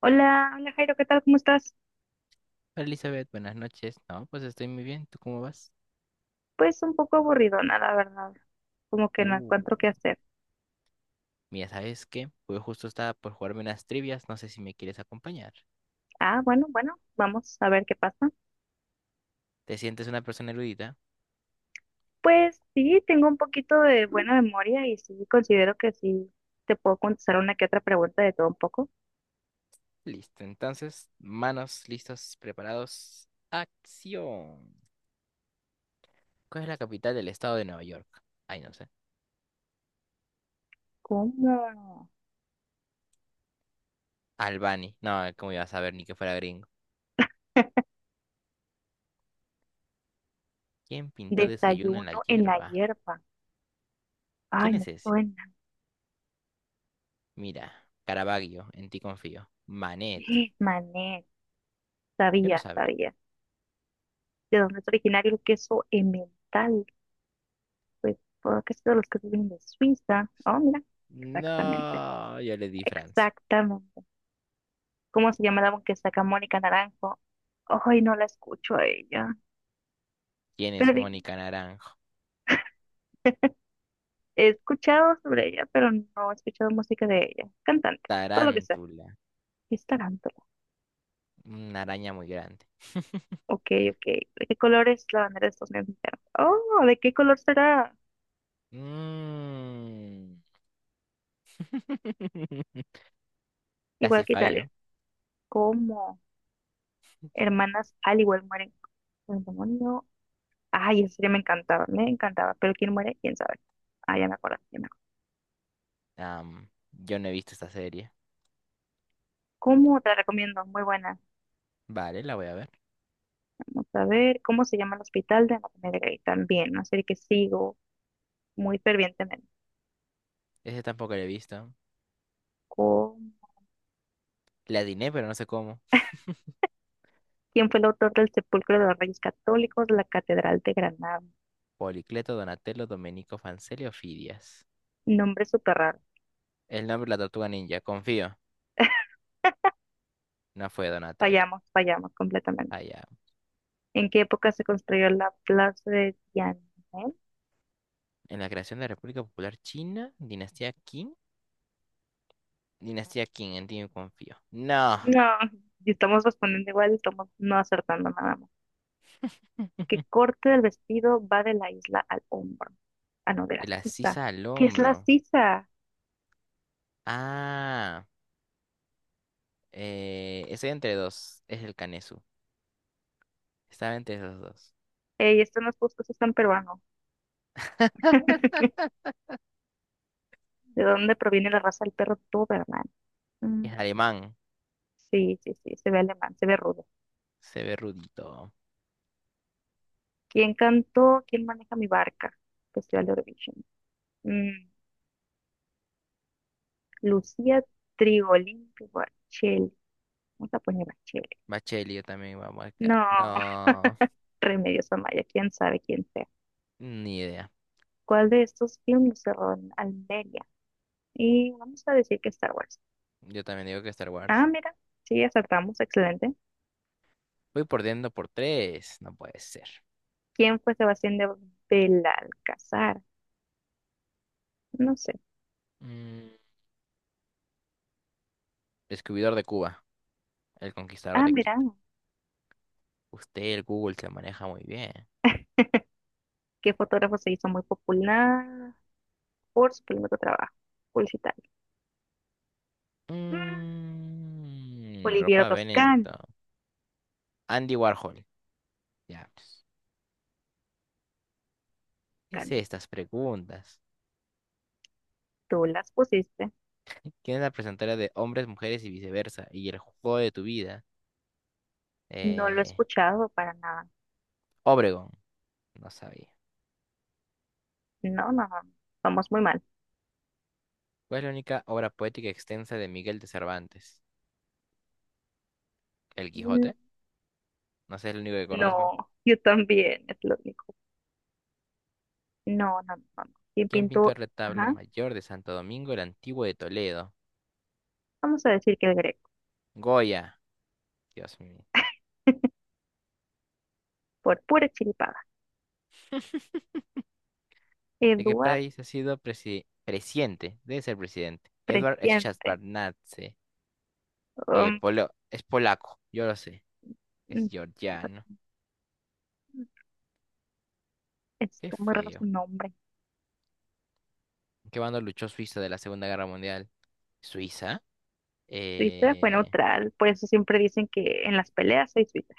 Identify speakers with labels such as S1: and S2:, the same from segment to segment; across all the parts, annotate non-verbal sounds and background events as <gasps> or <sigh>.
S1: Hola, hola Jairo, ¿qué tal? ¿Cómo estás?
S2: Hola, Elizabeth, buenas noches. No, pues estoy muy bien. ¿Tú cómo vas?
S1: Pues un poco aburridona, la verdad. Como que no encuentro qué
S2: Uh,
S1: hacer.
S2: Mira, ¿sabes qué? Pues justo estaba por jugarme unas trivias. No sé si me quieres acompañar.
S1: Bueno, bueno, vamos a ver qué pasa.
S2: ¿Te sientes una persona erudita?
S1: Pues sí, tengo un poquito de buena memoria y sí considero que sí te puedo contestar una que otra pregunta de todo un poco.
S2: Listo. Entonces, manos listos, preparados. Acción. ¿Cuál es la capital del estado de Nueva York? Ay, no sé.
S1: ¿Cómo?
S2: Albany. No, ¿cómo ibas a saber ni que fuera gringo? ¿Quién pintó desayuno en la
S1: Desayuno en la
S2: hierba?
S1: hierba. Ay,
S2: ¿Quién
S1: me
S2: es ese?
S1: suena.
S2: Mira, Caravaggio, en ti confío. Manet.
S1: <gasps> Mané,
S2: Yo no
S1: sabía,
S2: sabía.
S1: sabía. ¿De dónde es originario el queso emmental? Pues, todo que es de los quesos vienen de Suiza. Oh, mira, exactamente.
S2: No, yo le di Francia.
S1: Exactamente. ¿Cómo se llama la que saca Mónica Naranjo? Ay, no la escucho a ella.
S2: ¿Quién
S1: Pero
S2: es
S1: di-
S2: Mónica Naranjo?
S1: He escuchado sobre ella, pero no he escuchado música de ella. Cantante, todo lo que sea.
S2: Tarántula,
S1: Es tarántula.
S2: una araña muy grande. <laughs>
S1: Ok, ok. ¿De qué color es la bandera de Estados Unidos mexicanos? Oh, ¿de qué color será?
S2: Mm. <laughs>
S1: Igual
S2: Casi
S1: que Italia.
S2: fallo.
S1: ¿Cómo? Hermanas al igual mueren con el demonio. Ay, esa serie me encantaba. Pero ¿quién muere? ¿Quién sabe? Ah, ya me acuerdo.
S2: Yo no he visto esta serie.
S1: ¿Cómo te la recomiendo? Muy buena.
S2: Vale, la voy a ver.
S1: Vamos a ver cómo se llama el hospital de Anatomía de Grey también, una serie que sigo muy fervientemente.
S2: Ese tampoco la he visto.
S1: Con-
S2: La adiné, pero no sé cómo.
S1: ¿Quién fue el autor del Sepulcro de los Reyes Católicos, la Catedral de Granada?
S2: Policleto, Donatello, Domenico, Fancelio, Fidias.
S1: Nombre súper raro.
S2: El nombre de la tortuga ninja, confío. No fue Donatello.
S1: Fallamos completamente.
S2: Allá.
S1: ¿En qué época se construyó la Plaza de Tiananmen?
S2: En la creación de la República Popular China, Dinastía Qing. Dinastía Qing, en ti yo confío. No,
S1: No, y estamos respondiendo igual, estamos no acertando nada más. ¿Qué corte del vestido va de la isla al hombro? Ah, no, de la
S2: de la
S1: sisa.
S2: sisa al
S1: ¿Qué es la
S2: hombro.
S1: sisa?
S2: Ah, estoy entre dos. Es el Canesu. Estaba entre esos dos.
S1: Ey, esto no es justo, eso es tan peruano. <laughs> ¿De dónde proviene la raza del perro Doberman? Mm,
S2: Es alemán.
S1: sí, sí, sí, se ve alemán, se ve rudo.
S2: Se ve rudito.
S1: ¿Quién cantó? ¿Quién maneja mi barca? Festival de Eurovision. Mm, Lucía Trigolín Barchel. Vamos a poner Barchel.
S2: Bacheli, yo también iba a marcar.
S1: No,
S2: No,
S1: <laughs> Remedios Amaya, quién sabe quién sea.
S2: ni idea.
S1: ¿Cuál de estos filmes se rodó en Almería? Y vamos a decir que Star Wars.
S2: Yo también digo que Star Wars.
S1: Ah, mira, sí, acertamos, excelente.
S2: Voy perdiendo por tres. No puede ser.
S1: ¿Quién fue Sebastián de Belalcázar? No sé.
S2: Mm, descubridor de Cuba. El conquistador
S1: Ah,
S2: de
S1: mira, <laughs>
S2: Quito. Usted, el Google, se maneja muy bien.
S1: ¿Qué fotógrafo se hizo muy popular por su primer trabajo publicitario? Mm,
S2: Mm,
S1: Oliviero
S2: ropa
S1: Toscani.
S2: Benetton. Andy Warhol. Ya, pues. ¿Qué es
S1: Cana,
S2: estas preguntas?
S1: tú las pusiste.
S2: ¿Quién es la presentadora de Hombres, Mujeres y Viceversa? Y El Juego de tu Vida.
S1: No lo he
S2: Eh,
S1: escuchado para nada.
S2: Obregón, no sabía.
S1: No, no, no. Vamos muy mal.
S2: ¿Cuál es la única obra poética extensa de Miguel de Cervantes? El
S1: Mm,
S2: Quijote, no sé, es el único que conozco.
S1: No, <laughs> yo también, es lo único. No, no, no, no. ¿Quién
S2: ¿Quién pintó el
S1: pintó?
S2: retablo
S1: Ajá.
S2: mayor de Santo Domingo el Antiguo de Toledo?
S1: Vamos a decir que el Greco.
S2: Goya, Dios mío.
S1: <laughs> Por pura chiripada.
S2: ¿De qué
S1: Eduard
S2: país ha sido presidente? Debe ser presidente. Edward
S1: presiente.
S2: Szewczarnadze.
S1: Um,
S2: Es polaco, yo lo sé. Es
S1: mm,
S2: georgiano. Qué
S1: está muy raro su
S2: feo.
S1: nombre.
S2: ¿Qué bando luchó Suiza de la Segunda Guerra Mundial? ¿Suiza?
S1: Suiza fue
S2: Eh...
S1: neutral, por eso siempre dicen que en las peleas hay suizo.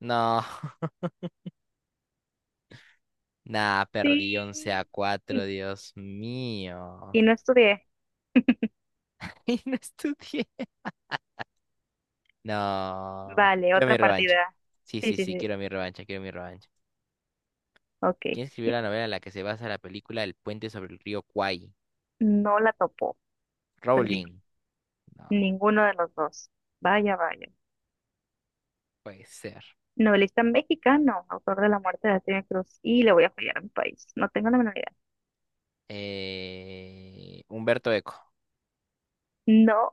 S2: No. <laughs> Nah, perdí 11
S1: Sí.
S2: a 4, Dios mío.
S1: Y no estudié.
S2: <laughs> Y no estudié. No.
S1: Vale,
S2: Quiero mi
S1: otra
S2: revancha.
S1: partida.
S2: Sí,
S1: Sí,
S2: sí,
S1: sí,
S2: sí,
S1: sí.
S2: quiero mi revancha, quiero mi revancha.
S1: Ok.
S2: ¿Quién escribió la novela en la que se basa la película El puente sobre el río Kwai?
S1: No la topó. Perdí
S2: Rowling. No,
S1: ninguno de los dos. Vaya, vaya.
S2: puede ser.
S1: Novelista mexicano, autor de La Muerte de Antonio Cruz. Y le voy a fallar a mi país. No tengo la menor idea.
S2: Humberto Eco.
S1: No.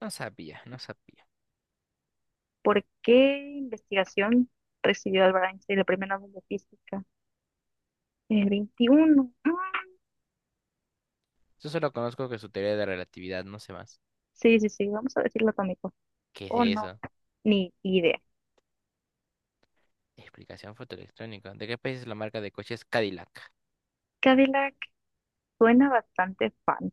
S2: No sabía, no sabía.
S1: ¿Por qué investigación recibió Albert Einstein el premio Nobel de Física? El 21.
S2: Yo solo conozco que su teoría de relatividad, no sé más.
S1: Sí, sí, sí. Vamos a decirlo atómico.
S2: ¿Qué
S1: Oh,
S2: es
S1: no.
S2: eso?
S1: Ni idea.
S2: Explicación fotoelectrónica. ¿De qué país es la marca de coches Cadillac?
S1: Cadillac suena bastante fan.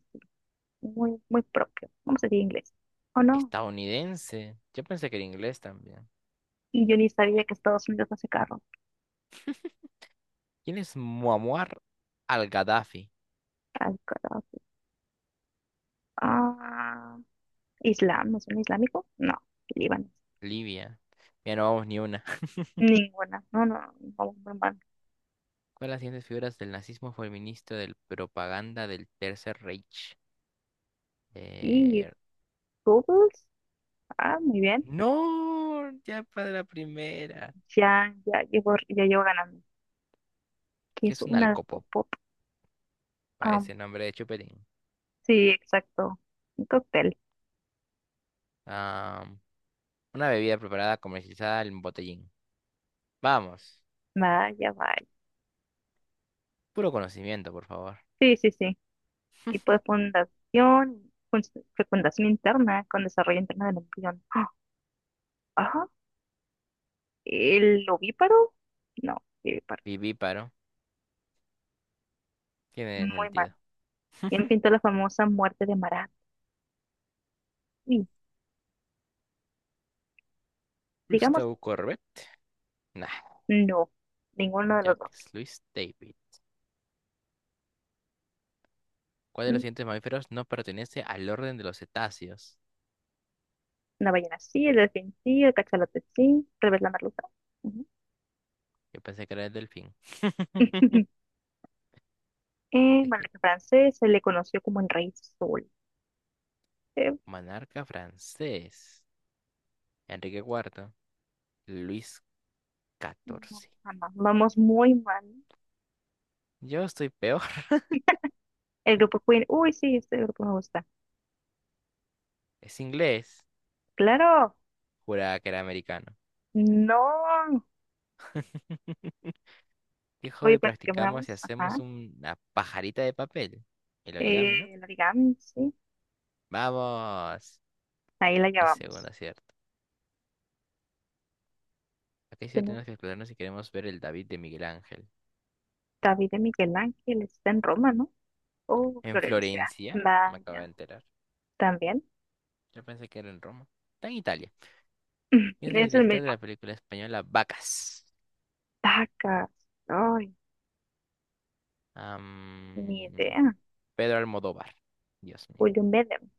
S1: Muy, muy propio. Vamos a decir inglés. ¿O no?
S2: Estadounidense. Yo pensé que era inglés también.
S1: Y yo ni sabía que Estados Unidos hace carro.
S2: ¿Quién es Muammar al-Gaddafi?
S1: Al carajo. Ah, Islam, ¿no es un islámico? No, Líbano.
S2: Libia. Ya no vamos ni una. <laughs>
S1: Ninguna. No, no, vamos muy mal.
S2: ¿Cuál de las siguientes figuras del nazismo fue el ministro de propaganda del Tercer Reich?
S1: Y
S2: Eh,
S1: Google, ah, muy bien.
S2: No, ya para la primera.
S1: Ya, ya llevo ganando. ¿Qué
S2: ¿Qué
S1: es
S2: es un
S1: una
S2: alcopop?
S1: pop?
S2: Para
S1: Ah,
S2: ese nombre de chupetín.
S1: sí, exacto. Un cóctel.
S2: Ah, una bebida preparada comercializada en botellín. Vamos.
S1: Vaya, vaya.
S2: Puro conocimiento, por favor.
S1: Sí, sí, sí. Y pues fecundación interna con desarrollo interno del embrión. Ah, ¿el ovíparo? No, el ovíparo.
S2: Viví. Tiene
S1: Muy
S2: sentido.
S1: mal. ¿Quién pintó la famosa muerte de Marat? Sí, digamos,
S2: Gustavo Corbett. Nah.
S1: no. Ninguno de los dos.
S2: Jacques Louis David. ¿Cuál de los
S1: Mm,
S2: siguientes mamíferos no pertenece al orden de los cetáceos?
S1: La ballena sí, el delfín sí, el cachalote sí, tal vez la merluza. Ujú.
S2: Yo pensé que era el delfín. <laughs>
S1: <laughs> En
S2: Es que
S1: monarca francés se le conoció como el rey sol. Eh,
S2: monarca francés. Enrique IV. Luis
S1: no,
S2: XIV.
S1: jamás. Vamos muy mal.
S2: Yo estoy peor. <laughs>
S1: El grupo Queen. Uy, sí, este grupo me gusta.
S2: Es inglés.
S1: Claro.
S2: Juraba que era americano.
S1: No.
S2: <laughs> ¿Qué
S1: Hoy
S2: hobby practicamos si
S1: practicamos. Ajá.
S2: hacemos una pajarita de papel? El origami, ¿no?
S1: El origami, sí.
S2: ¡Vamos!
S1: Ahí la
S2: Mi segundo
S1: llevamos.
S2: acierto. Acá sí tenemos que explorarnos si queremos ver el David de Miguel Ángel.
S1: David de Miguel Ángel está en Roma, ¿no? Oh,
S2: En
S1: Florencia.
S2: Florencia, me acabo de
S1: Vaya,
S2: enterar.
S1: también.
S2: Yo pensé que era en Roma. Está en Italia.
S1: <laughs>
S2: ¿Quién es el
S1: Es el
S2: director de
S1: mismo.
S2: la película española Vacas?
S1: Tacas. Ay, ni
S2: Am,
S1: idea.
S2: Pedro Almodóvar. Dios mío.
S1: William Bedem.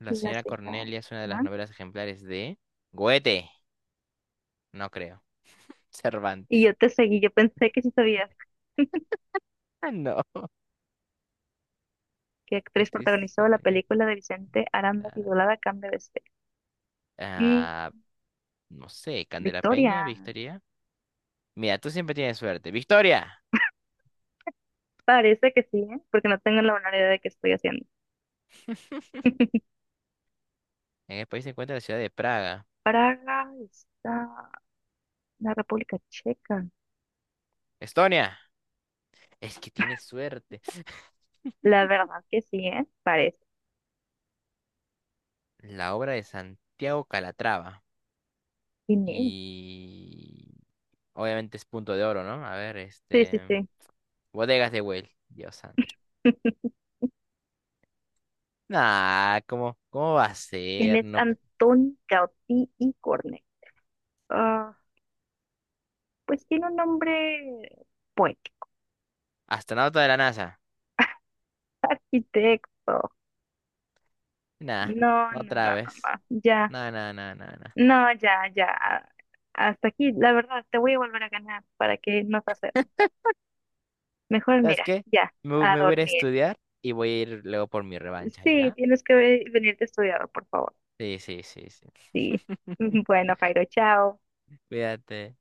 S2: La
S1: La
S2: señora
S1: señora.
S2: Cornelia es una de las
S1: ¿No?
S2: novelas ejemplares de Goethe. No creo. <laughs>
S1: Y
S2: Cervantes.
S1: yo te seguí. Yo pensé que sí sabías
S2: Ah, no.
S1: qué
S2: ¿Qué
S1: actriz
S2: actriz?
S1: protagonizó la película de Vicente Aranda
S2: Ah,
S1: titulada Cambio de Ser. Y
S2: ah, no sé, Candela Peña,
S1: Victoria.
S2: Victoria. Mira, tú siempre tienes suerte. ¡Victoria!
S1: Parece que sí, ¿eh? Porque no tengo la menor idea de qué estoy haciendo.
S2: En el país se encuentra la ciudad de Praga.
S1: Praga está la República Checa.
S2: Estonia, es que tiene suerte. <laughs>
S1: La verdad que sí, ¿eh? Parece.
S2: La obra de Santiago Calatrava.
S1: ¿Quién es?
S2: Y obviamente es punto de oro, ¿no? A ver,
S1: Sí, sí,
S2: este.
S1: sí.
S2: Bodegas de Güell, Dios santo.
S1: <laughs>
S2: Nah, ¿cómo, cómo va a
S1: ¿Quién
S2: ser?
S1: es
S2: No, p-
S1: Antón Gaudí y Cornet? Ah, pues tiene un nombre poético.
S2: astronauta de la NASA.
S1: <laughs> Arquitecto.
S2: Nah,
S1: No, no, no,
S2: otra
S1: no,
S2: vez.
S1: no. Ya.
S2: Nah, nah, nah, nah, nah.
S1: No, ya, ya. Hasta aquí, la verdad, te voy a volver a ganar para que no te acerques. Mejor
S2: ¿Sabes
S1: mira,
S2: qué?
S1: ya,
S2: Me,
S1: a
S2: me voy a ir a
S1: dormir.
S2: estudiar y voy a ir luego por mi revancha,
S1: Sí,
S2: ¿ya?
S1: tienes que venirte a estudiar, por favor.
S2: Sí, sí, sí, sí.
S1: Sí.
S2: <laughs>
S1: <laughs> Bueno, Jairo, chao.
S2: Cuídate.